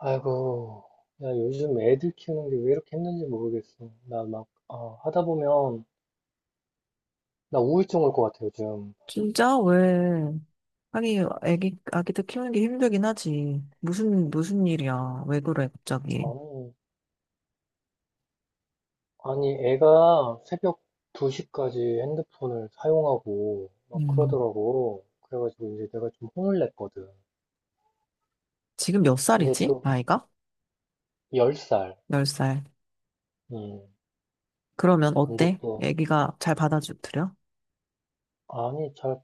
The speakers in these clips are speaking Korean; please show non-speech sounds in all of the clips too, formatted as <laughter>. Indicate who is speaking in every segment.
Speaker 1: 아이고, 야, 요즘 애들 키우는 게 왜 이렇게 힘든지 모르겠어. 나 막, 하다 보면, 나 우울증 올 것 같아, 요즘.
Speaker 2: 진짜? 왜? 아니, 아기들 키우는 게 힘들긴 하지. 무슨 일이야. 왜 그래, 갑자기.
Speaker 1: 아니, 아니, 애가 새벽 2시까지 핸드폰을 사용하고, 막
Speaker 2: 음,
Speaker 1: 그러더라고. 그래가지고 이제 내가 좀 혼을 냈거든.
Speaker 2: 지금 몇
Speaker 1: 근데
Speaker 2: 살이지?
Speaker 1: 또,
Speaker 2: 아이가?
Speaker 1: 10살.
Speaker 2: 10살.
Speaker 1: 음,
Speaker 2: 그러면
Speaker 1: 근데
Speaker 2: 어때?
Speaker 1: 또,
Speaker 2: 애기가 잘 받아주드려?
Speaker 1: 아니, 잘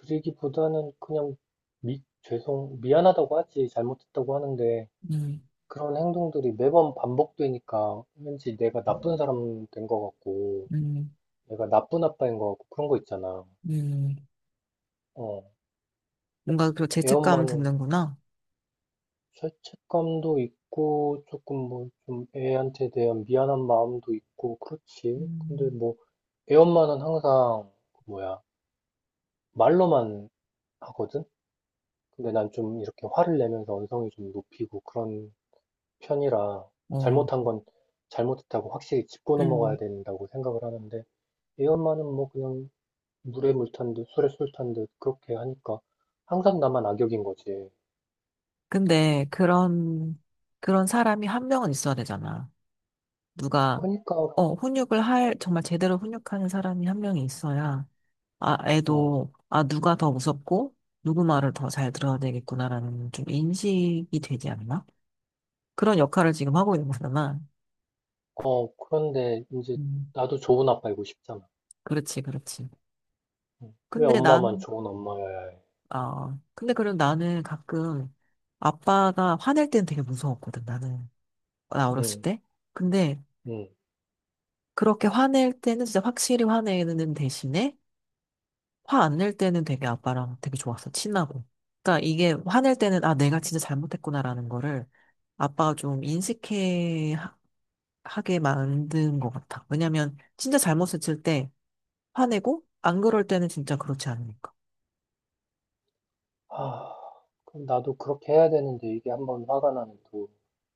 Speaker 1: 받아들이기보다는 그냥, 미안하다고 하지. 잘못했다고 하는데,
Speaker 2: 음,
Speaker 1: 그런 행동들이 매번 반복되니까 왠지 내가 나쁜 사람 된 것 같고,
Speaker 2: 음,
Speaker 1: 내가 나쁜 아빠인 것 같고, 그런 거 있잖아.
Speaker 2: 음.
Speaker 1: 어,
Speaker 2: 뭔가 그
Speaker 1: 애
Speaker 2: 죄책감
Speaker 1: 엄마는
Speaker 2: 드는구나.
Speaker 1: 죄책감도 있고, 조금 뭐, 좀 애한테 대한 미안한 마음도 있고, 그렇지. 근데
Speaker 2: 음,
Speaker 1: 뭐, 애 엄마는 항상, 그 뭐야, 말로만 하거든? 근데 난 좀 이렇게 화를 내면서 언성이 좀 높이고 그런 편이라,
Speaker 2: 어,
Speaker 1: 잘못한 건 잘못했다고 확실히 짚고 넘어가야
Speaker 2: 음.
Speaker 1: 된다고 생각을 하는데, 애 엄마는 뭐 그냥 물에 물탄듯 술에 술탄듯 그렇게 하니까 항상 나만 악역인 거지.
Speaker 2: 근데 그런 사람이 한 명은 있어야 되잖아. 누가,
Speaker 1: 그러니까
Speaker 2: 어, 훈육을 할, 정말 제대로 훈육하는 사람이 한 명이 있어야 아,
Speaker 1: 응.
Speaker 2: 애도, 아, 누가 더 무섭고, 누구 말을 더 잘 들어야 되겠구나라는 좀 인식이 되지 않나? 그런 역할을 지금 하고 있는 거잖아.
Speaker 1: 그런데 이제
Speaker 2: 음,
Speaker 1: 나도 좋은 아빠이고 싶잖아.
Speaker 2: 그렇지, 그렇지.
Speaker 1: 응. 왜
Speaker 2: 근데
Speaker 1: 엄마만
Speaker 2: 난,
Speaker 1: 좋은 엄마여야 해?
Speaker 2: 아, 근데 그럼 나는 가끔 아빠가 화낼 때는 되게 무서웠거든, 나는. 나
Speaker 1: 응
Speaker 2: 어렸을 때. 근데
Speaker 1: 응
Speaker 2: 그렇게 화낼 때는 진짜 확실히 화내는 대신에 화 안 낼 때는 되게 아빠랑 되게 좋았어, 친하고. 그러니까 이게 화낼 때는 아, 내가 진짜 잘못했구나라는 거를 아빠가 좀 인식해 하게 만든 것 같아. 왜냐면 진짜 잘못을 칠 때 화내고 안 그럴 때는 진짜 그렇지 않으니까.
Speaker 1: 아, 그럼 나도 그렇게 해야 되는데 이게 한번 화가 나면 또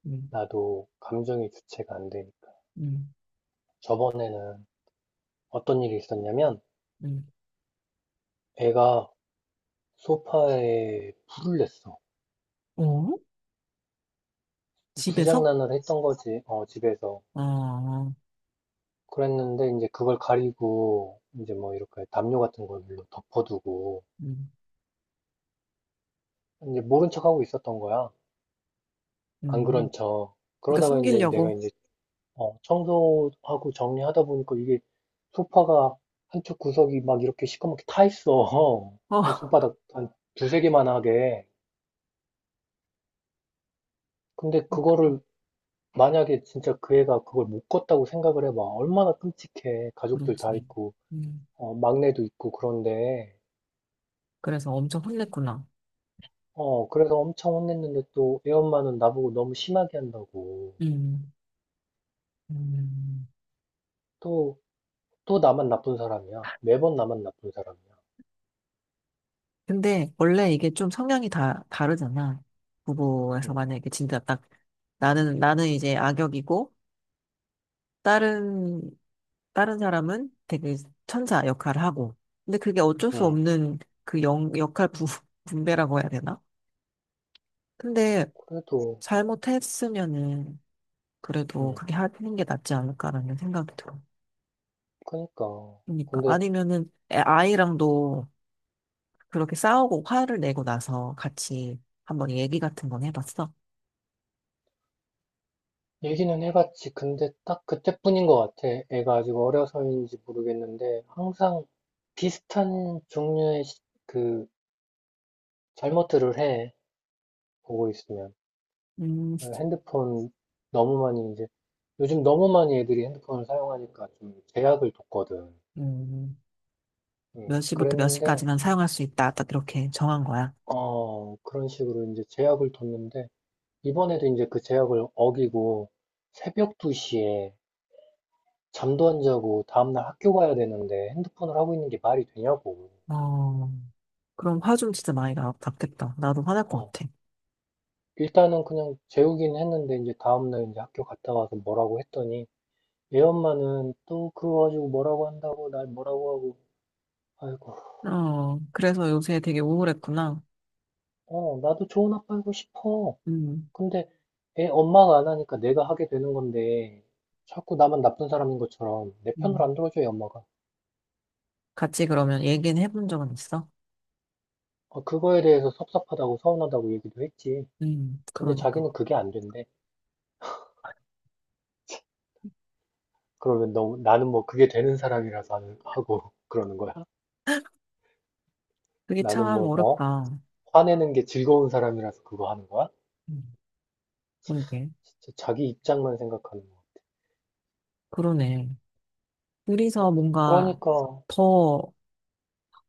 Speaker 2: 음,
Speaker 1: 나도 감정이 주체가 안 되니까.
Speaker 2: 음,
Speaker 1: 저번에는 어떤 일이 있었냐면
Speaker 2: 음.
Speaker 1: 애가 소파에 불을 냈어.
Speaker 2: 어? 집에서?
Speaker 1: 불장난을 했던 거지. 어, 집에서.
Speaker 2: 어, 어,
Speaker 1: 그랬는데 이제 그걸 가리고 이제 뭐 이렇게 담요 같은 걸로 덮어두고
Speaker 2: 음,
Speaker 1: 이제 모른 척하고 있었던 거야. 안
Speaker 2: 음.
Speaker 1: 그런 척.
Speaker 2: 그러니까
Speaker 1: 그러다가 이제 내가 이
Speaker 2: 숨기려고?
Speaker 1: 제 청소하고 정리하다 보니까 이게 소파가 한쪽 구석이 막 이렇게 시커멓게 타 있어. <laughs>
Speaker 2: 어,
Speaker 1: 한 손바닥
Speaker 2: <laughs>
Speaker 1: 한 두세 개만하게. 근데 그거를 만약에 진짜 그 애가 그걸 못 껐다고 생각을 해 봐. 얼마나 끔찍해. 가족들 다
Speaker 2: 그렇지.
Speaker 1: 있고
Speaker 2: 음.
Speaker 1: 막내도 있고 그런데.
Speaker 2: 그래서 엄청 혼냈구나.
Speaker 1: 어, 그래서 엄청 혼냈는데 또 애 엄마는 나보고 너무 심하게 한다고.
Speaker 2: 음, 음.
Speaker 1: 또, 또 나만 나쁜 사람이야. 매번 나만 나쁜 사람이야.
Speaker 2: 근데 원래 이게 좀 성향이 다 다르잖아. 부부에서
Speaker 1: 응,
Speaker 2: 만약에 진짜 딱 나는 이제 악역이고 다른, 다른 사람은 되게 천사 역할을 하고. 근데 그게 어쩔 수
Speaker 1: 응.
Speaker 2: 없는 그 역할 <laughs> 분배라고 해야 되나? 근데
Speaker 1: 그래도,
Speaker 2: 잘못했으면은 그래도
Speaker 1: 응,
Speaker 2: 그게 하는 게 낫지 않을까라는 생각이 들어.
Speaker 1: 그니까.
Speaker 2: 그러니까.
Speaker 1: 근데
Speaker 2: 아니면은 아이랑도 그렇게 싸우고 화를 내고 나서 같이 한번 얘기 같은 건 해봤어?
Speaker 1: 얘기는 해봤지. 근데 딱 그때뿐인 것 같아. 애가 아직 어려서인지 모르겠는데 항상 비슷한 종류의 그 잘못들을 해. 보고 있으면.
Speaker 2: 음,
Speaker 1: 핸드폰 너무 많이 이제 요즘 너무 많이 애들이 핸드폰을 사용하니까 좀 제약을 뒀거든.
Speaker 2: 음, 몇 시부터 몇
Speaker 1: 그랬는데,
Speaker 2: 시까지만 사용할 수 있다. 딱 이렇게 정한 거야.
Speaker 1: 그런 식으로 이제 제약을 뒀는데, 이번에도 이제 그 제약을 어기고, 새벽 2시에 잠도 안 자고 다음날 학교 가야 되는데 핸드폰을 하고 있는 게 말이 되냐고.
Speaker 2: 어, 그럼 화 좀 진짜 많이 났겠다. 나도 화날 것
Speaker 1: 어,
Speaker 2: 같아.
Speaker 1: 일단은 그냥 재우긴 했는데, 이제 다음날 이제 학교 갔다 와서 뭐라고 했더니, 얘 엄마는 또 그거 가지고 뭐라고 한다고, 날 뭐라고 하고, 아이고,
Speaker 2: 어, 그래서 요새 되게 우울했구나.
Speaker 1: 나도 좋은 아빠이고 싶어.
Speaker 2: 음,
Speaker 1: 근데 애 엄마가 안 하니까 내가 하게 되는 건데 자꾸 나만 나쁜 사람인 것처럼 내 편을
Speaker 2: 음.
Speaker 1: 안 들어줘요, 엄마가.
Speaker 2: 같이 그러면 얘기는 해본 적은 있어?
Speaker 1: 그거에 대해서 섭섭하다고 서운하다고 얘기도 했지. 근데
Speaker 2: 그러니까.
Speaker 1: 자기는 그게 안 된대. 그러면 너, 나는 뭐 그게 되는 사람이라서 하고 <laughs> 그러는 거야?
Speaker 2: 그게
Speaker 1: 나는
Speaker 2: 참
Speaker 1: 뭐, 어?
Speaker 2: 어렵다.
Speaker 1: 화내는 게 즐거운 사람이라서 그거 하는 거야?
Speaker 2: 음. 그러게.
Speaker 1: 진짜 자기 입장만 생각하는 거야.
Speaker 2: 그러네.
Speaker 1: 어,
Speaker 2: 둘이서 뭔가
Speaker 1: 그러니까,
Speaker 2: 더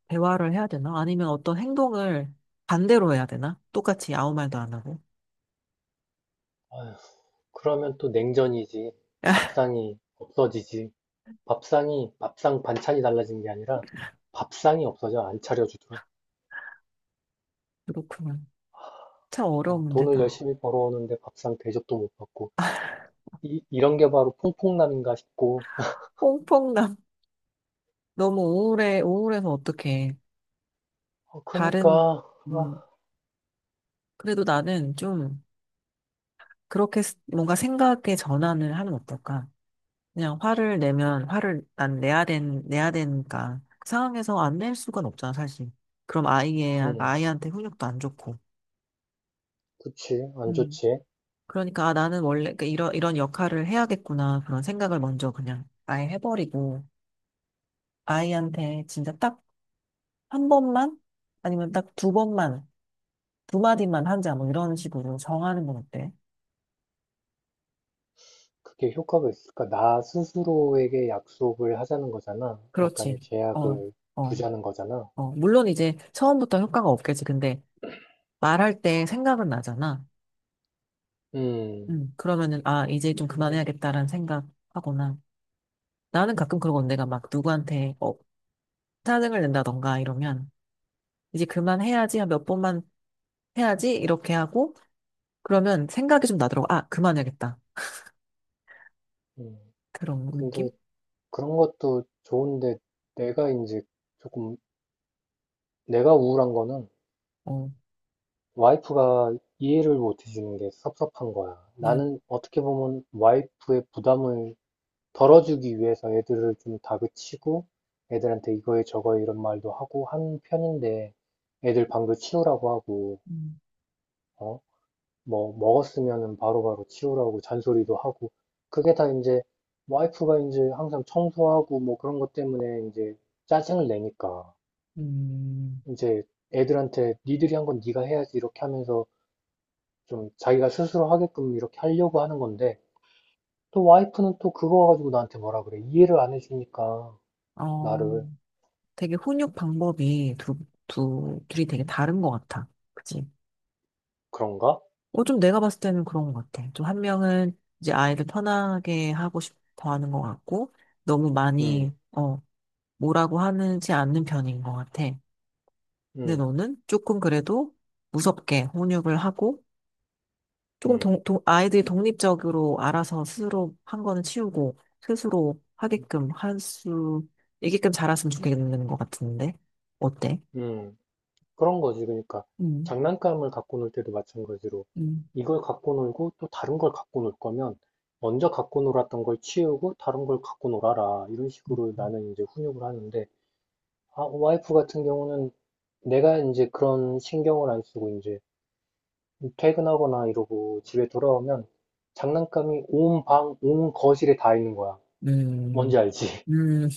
Speaker 2: 대화를 해야 되나? 아니면 어떤 행동을 반대로 해야 되나? 똑같이 아무 말도 안 하고.
Speaker 1: 아휴, 그러면 또 냉전이지.
Speaker 2: <laughs>
Speaker 1: 밥상이 없어지지. 밥상이 밥상 반찬이 달라진 게 아니라 밥상이 없어져 안 차려주더라.
Speaker 2: 그렇구나. 참 어려운
Speaker 1: 돈을
Speaker 2: 문제다.
Speaker 1: 열심히 벌어오는데 밥상 대접도 못 받고 이, 이런 게 바로 퐁퐁남인가 싶고
Speaker 2: 퐁퐁남. <laughs> 너무 우울해, 우울해서 어떡해.
Speaker 1: 그니까
Speaker 2: 다른,
Speaker 1: 아,
Speaker 2: 음, 그래도 나는 좀 그렇게 스- 뭔가 생각의 전환을 하면 어떨까? 그냥 화를 내면 화를 난 내야 내야 되니까 그 상황에서 안 낼 수가 없잖아, 사실. 그럼 아이의,
Speaker 1: 음,
Speaker 2: 아이한테 훈육도 안 좋고.
Speaker 1: 그치 안
Speaker 2: 음.
Speaker 1: 좋지.
Speaker 2: 그러니까 아, 나는 원래 그 이런, 이런 역할을 해야겠구나. 그런 생각을 먼저 그냥 아예 해버리고 아이한테 진짜 딱 한 번만 아니면 딱 두 번만 두 마디만 하자 뭐 이런 식으로 정하는 건 어때?
Speaker 1: 그게 효과가 있을까? 나 스스로에게 약속을 하자는 거잖아. 약간의
Speaker 2: 그렇지. 어,
Speaker 1: 제약을
Speaker 2: 어,
Speaker 1: 두자는 거잖아.
Speaker 2: 어. 물론 이제 처음부터 효과가 없겠지. 근데 말할 때 생각은 나잖아.
Speaker 1: 음,
Speaker 2: 그러면은, 아, 이제 좀
Speaker 1: 근데,
Speaker 2: 그만해야겠다라는 생각하거나. 나는 가끔 그러고 내가 막 누구한테, 어, 짜증을 낸다던가 이러면, 이제 그만해야지, 한 몇 번만 해야지, 이렇게 하고, 그러면 생각이 좀 나더라고. 아, 그만해야겠다.
Speaker 1: 음,
Speaker 2: 그런
Speaker 1: 근데
Speaker 2: 느낌?
Speaker 1: 그런 것도 좋은데 내가 이제 조금 내가 우울한 거는
Speaker 2: 어,
Speaker 1: 와이프가 이해를 못 해주는 게 섭섭한 거야.
Speaker 2: 음,
Speaker 1: 나는 어떻게 보면 와이프의 부담을 덜어주기 위해서 애들을 좀 다그치고 애들한테 이거에 저거에 이런 말도 하고 한 편인데 애들 방도 치우라고 하고,
Speaker 2: 음,
Speaker 1: 어? 뭐, 먹었으면은 바로바로 치우라고 잔소리도 하고 그게 다 이제 와이프가 이제 항상 청소하고 뭐 그런 것 때문에 이제 짜증을 내니까
Speaker 2: 음.
Speaker 1: 이제 애들한테 니들이 한 건 니가 해야지 이렇게 하면서 좀 자기가 스스로 하게끔 이렇게 하려고 하는 건데, 또 와이프는 또 그거 가지고 나한테 뭐라 그래. 이해를 안 해주니까,
Speaker 2: 어,
Speaker 1: 나를.
Speaker 2: 되게 훈육 방법이 둘이 되게 다른 것 같아. 그치?
Speaker 1: 그런가?
Speaker 2: 어, 좀 내가 봤을 때는 그런 것 같아. 좀 한 명은 이제 아이를 편하게 하고 싶어 하는 것 같고, 너무
Speaker 1: 음,
Speaker 2: 많이, 어, 뭐라고 하는지 않는 편인 것 같아. 근데
Speaker 1: 음,
Speaker 2: 너는 조금 그래도 무섭게 혼육을 하고, 조금
Speaker 1: 음,
Speaker 2: 아이들이 독립적으로 알아서 스스로 한 거는 치우고, 스스로 하게끔 할 수, 있게끔 자랐으면 좋겠는 것 같은데. 어때?
Speaker 1: 음. 그런 거지. 그러니까,
Speaker 2: 음,
Speaker 1: 장난감을 갖고 놀 때도 마찬가지로,
Speaker 2: 음,
Speaker 1: 이걸 갖고 놀고 또 다른 걸 갖고 놀 거면, 먼저 갖고 놀았던 걸 치우고 다른 걸 갖고 놀아라. 이런 식으로 나는 이제 훈육을 하는데, 아, 와이프 같은 경우는 내가 이제 그런 신경을 안 쓰고, 이제, 퇴근하거나 이러고 집에 돌아오면 장난감이 온 방, 온 거실에 다 있는 거야. 뭔지
Speaker 2: 음,
Speaker 1: 알지? <laughs>
Speaker 2: 음,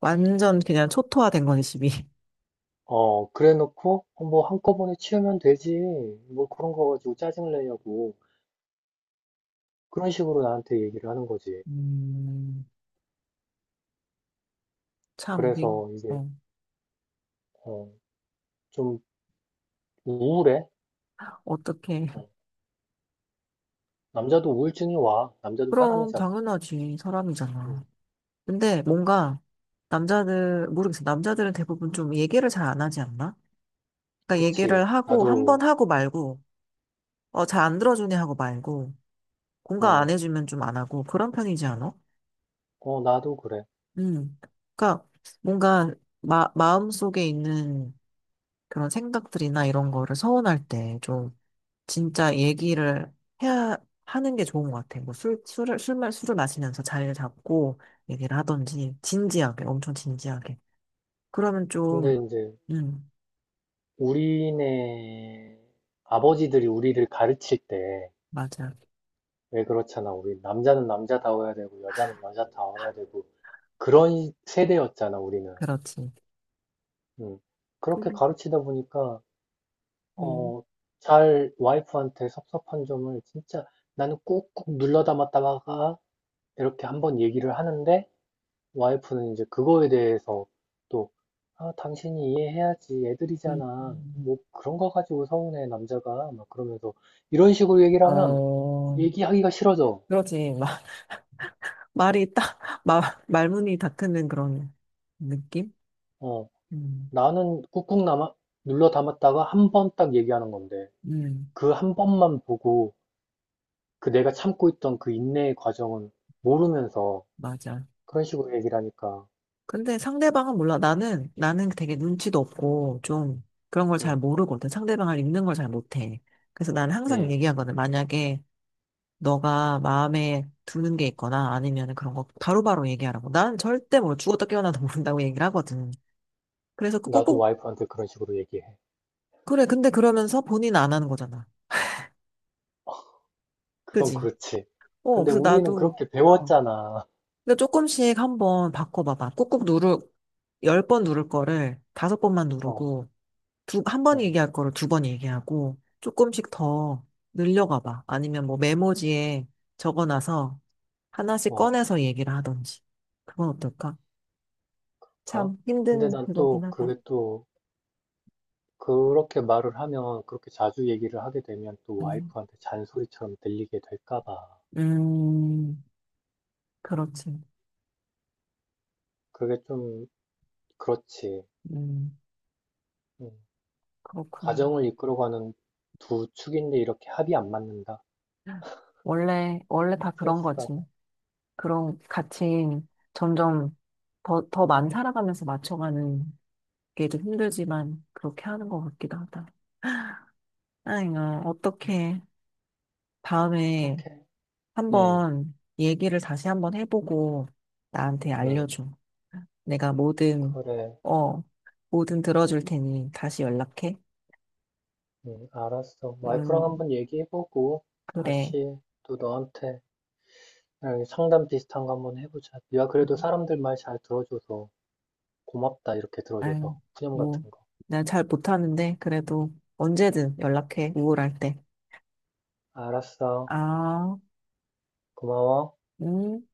Speaker 2: 완전 그냥 초토화된 거네, 집이.
Speaker 1: 그래 놓고, 뭐 한꺼번에 치우면 되지. 뭐 그런 거 가지고 짜증을 내냐고. 그런 식으로 나한테 얘기를 하는 거지.
Speaker 2: 음. 참, 이게,
Speaker 1: 그래서 이게,
Speaker 2: 어,
Speaker 1: 어, 좀 우울해.
Speaker 2: 어떻게.
Speaker 1: 어, 남자도 우울증이 와. 남자도
Speaker 2: 그럼,
Speaker 1: 사람이잖아.
Speaker 2: 당연하지. 사람이잖아.
Speaker 1: 음,
Speaker 2: 근데 뭔가 남자들, 모르겠어. 남자들은 대부분 좀 얘기를 잘 안 하지 않나? 그러니까
Speaker 1: 그치.
Speaker 2: 얘기를 하고, 한 번 하고 말고, 어, 잘 안 들어주네 하고 말고, 공감 안
Speaker 1: 어,
Speaker 2: 해주면 좀 안 하고, 그런 편이지 않아?
Speaker 1: 나도 그래.
Speaker 2: 음. 그러니까 뭔가 마, 마음속에 있는 그런 생각들이나 이런 거를 서운할 때 좀 진짜 얘기를 해야 하는 게 좋은 것 같아. 뭐 술, 술을, 술, 마- 술을 마시면서 자리를 잡고 얘기를 하던지, 진지하게, 엄청 진지하게. 그러면
Speaker 1: 근데
Speaker 2: 좀,
Speaker 1: 이제
Speaker 2: 음,
Speaker 1: 우리네 아버지들이 우리를 가르칠 때,
Speaker 2: 맞아.
Speaker 1: 왜 그렇잖아. 우리 남자는 남자다워야 되고, 여자는 여자다워야 되고, 그런 세대였잖아, 우리는.
Speaker 2: 그렇지.
Speaker 1: 음. 그렇게
Speaker 2: 음,
Speaker 1: 가르치다 보니까,
Speaker 2: 음.
Speaker 1: 어, 잘 와이프한테 섭섭한 점을 진짜 나는 꾹꾹 눌러 담았다가 이렇게 한번 얘기를 하는데, 와이프는 이제 그거에 대해서 또, 아, 당신이 이해해야지.
Speaker 2: 음.
Speaker 1: 애들이잖아. 뭐 그런 거 가지고 서운해, 남자가. 막 그러면서 이런 식으로 얘기를 하면
Speaker 2: 어,
Speaker 1: 얘기하기가 싫어져.
Speaker 2: 그렇지. <laughs> 말이 딱, 마, 말문이 닫히는 그런 느낌?
Speaker 1: 어.
Speaker 2: 음,
Speaker 1: 나는 꾹꾹 눌러 담았다가 한 번 딱 얘기하는 건데,
Speaker 2: 음,
Speaker 1: 그 한 번만 보고, 그 내가 참고 있던 그 인내의 과정을 모르면서
Speaker 2: 맞아.
Speaker 1: 그런 식으로 얘기를 하니까,
Speaker 2: 근데 상대방은 몰라. 나는 되게 눈치도 없고, 좀 그런 걸 잘
Speaker 1: 응,
Speaker 2: 모르거든. 상대방을 읽는 걸 잘 못해. 그래서 나는 항상
Speaker 1: 응,
Speaker 2: 얘기하거든. 만약에 너가 마음에 두는 게 있거나 아니면 그런 거 바로바로 얘기하라고. 난 절대 뭘 죽었다 깨어나도 <laughs> 모른다고 얘기를 하거든. 그래서 그
Speaker 1: 나도
Speaker 2: 꼭꼭,
Speaker 1: 와이프한테 그런 식으로 얘기해.
Speaker 2: 그래, 근데 그러면서 본인 안 하는 거잖아.
Speaker 1: 그건
Speaker 2: 그지?
Speaker 1: 그렇지.
Speaker 2: 어,
Speaker 1: 근데
Speaker 2: 그래서
Speaker 1: 우리는
Speaker 2: 나도,
Speaker 1: 그렇게
Speaker 2: 어.
Speaker 1: 배웠잖아.
Speaker 2: 근데 조금씩 한번 바꿔봐봐. 꾹꾹 10번 누를 거를 다섯 번만
Speaker 1: 어,
Speaker 2: 누르고, 한 번
Speaker 1: 어.
Speaker 2: 얘기할 거를 두 번 얘기하고, 조금씩 더 늘려가봐. 아니면 뭐 메모지에 적어놔서 하나씩
Speaker 1: 어,
Speaker 2: 꺼내서 얘기를 하던지. 그건 어떨까?
Speaker 1: 가?
Speaker 2: 참
Speaker 1: 근데
Speaker 2: 힘든
Speaker 1: 난
Speaker 2: 그거긴
Speaker 1: 또,
Speaker 2: 하다.
Speaker 1: 그게 또, 그렇게 말을 하면, 그렇게 자주 얘기를 하게 되면 또
Speaker 2: 음,
Speaker 1: 와이프한테 잔소리처럼 들리게 될까 봐.
Speaker 2: 음, 그렇지.
Speaker 1: 그게 좀, 그렇지.
Speaker 2: 음,
Speaker 1: 응.
Speaker 2: 그렇군.
Speaker 1: 가정을 이끌어가는 두 축인데 이렇게 합이 안 맞는다.
Speaker 2: 원래, 원래 다 그런
Speaker 1: 스트레스
Speaker 2: 거지.
Speaker 1: 받아.
Speaker 2: 그런 가치인 점점 더, 더 많이 살아가면서 맞춰가는 게 좀 힘들지만 그렇게 하는 것 같기도 하다. 아이고, 어떻게 다음에
Speaker 1: 어떡해. 응,
Speaker 2: 한번 얘기를 다시 한번 해보고 나한테
Speaker 1: 응.
Speaker 2: 알려줘. 내가 뭐든,
Speaker 1: 그래.
Speaker 2: 어, 뭐든 들어줄 테니 다시 연락해.
Speaker 1: 응, 알았어. 와이프랑
Speaker 2: 음,
Speaker 1: 한번 얘기해보고
Speaker 2: 그래.
Speaker 1: 다시 또 너한테 상담 비슷한 거 한번 해보자. 네가 그래도 사람들 말 잘 들어줘서 고맙다. 이렇게
Speaker 2: 아유,
Speaker 1: 들어줘서. 푸념
Speaker 2: 뭐,
Speaker 1: 같은 거.
Speaker 2: 내가 잘 못하는데, 그래도 언제든 연락해, 우울할 때.
Speaker 1: 알았어.
Speaker 2: 아,
Speaker 1: 고마워.
Speaker 2: 음.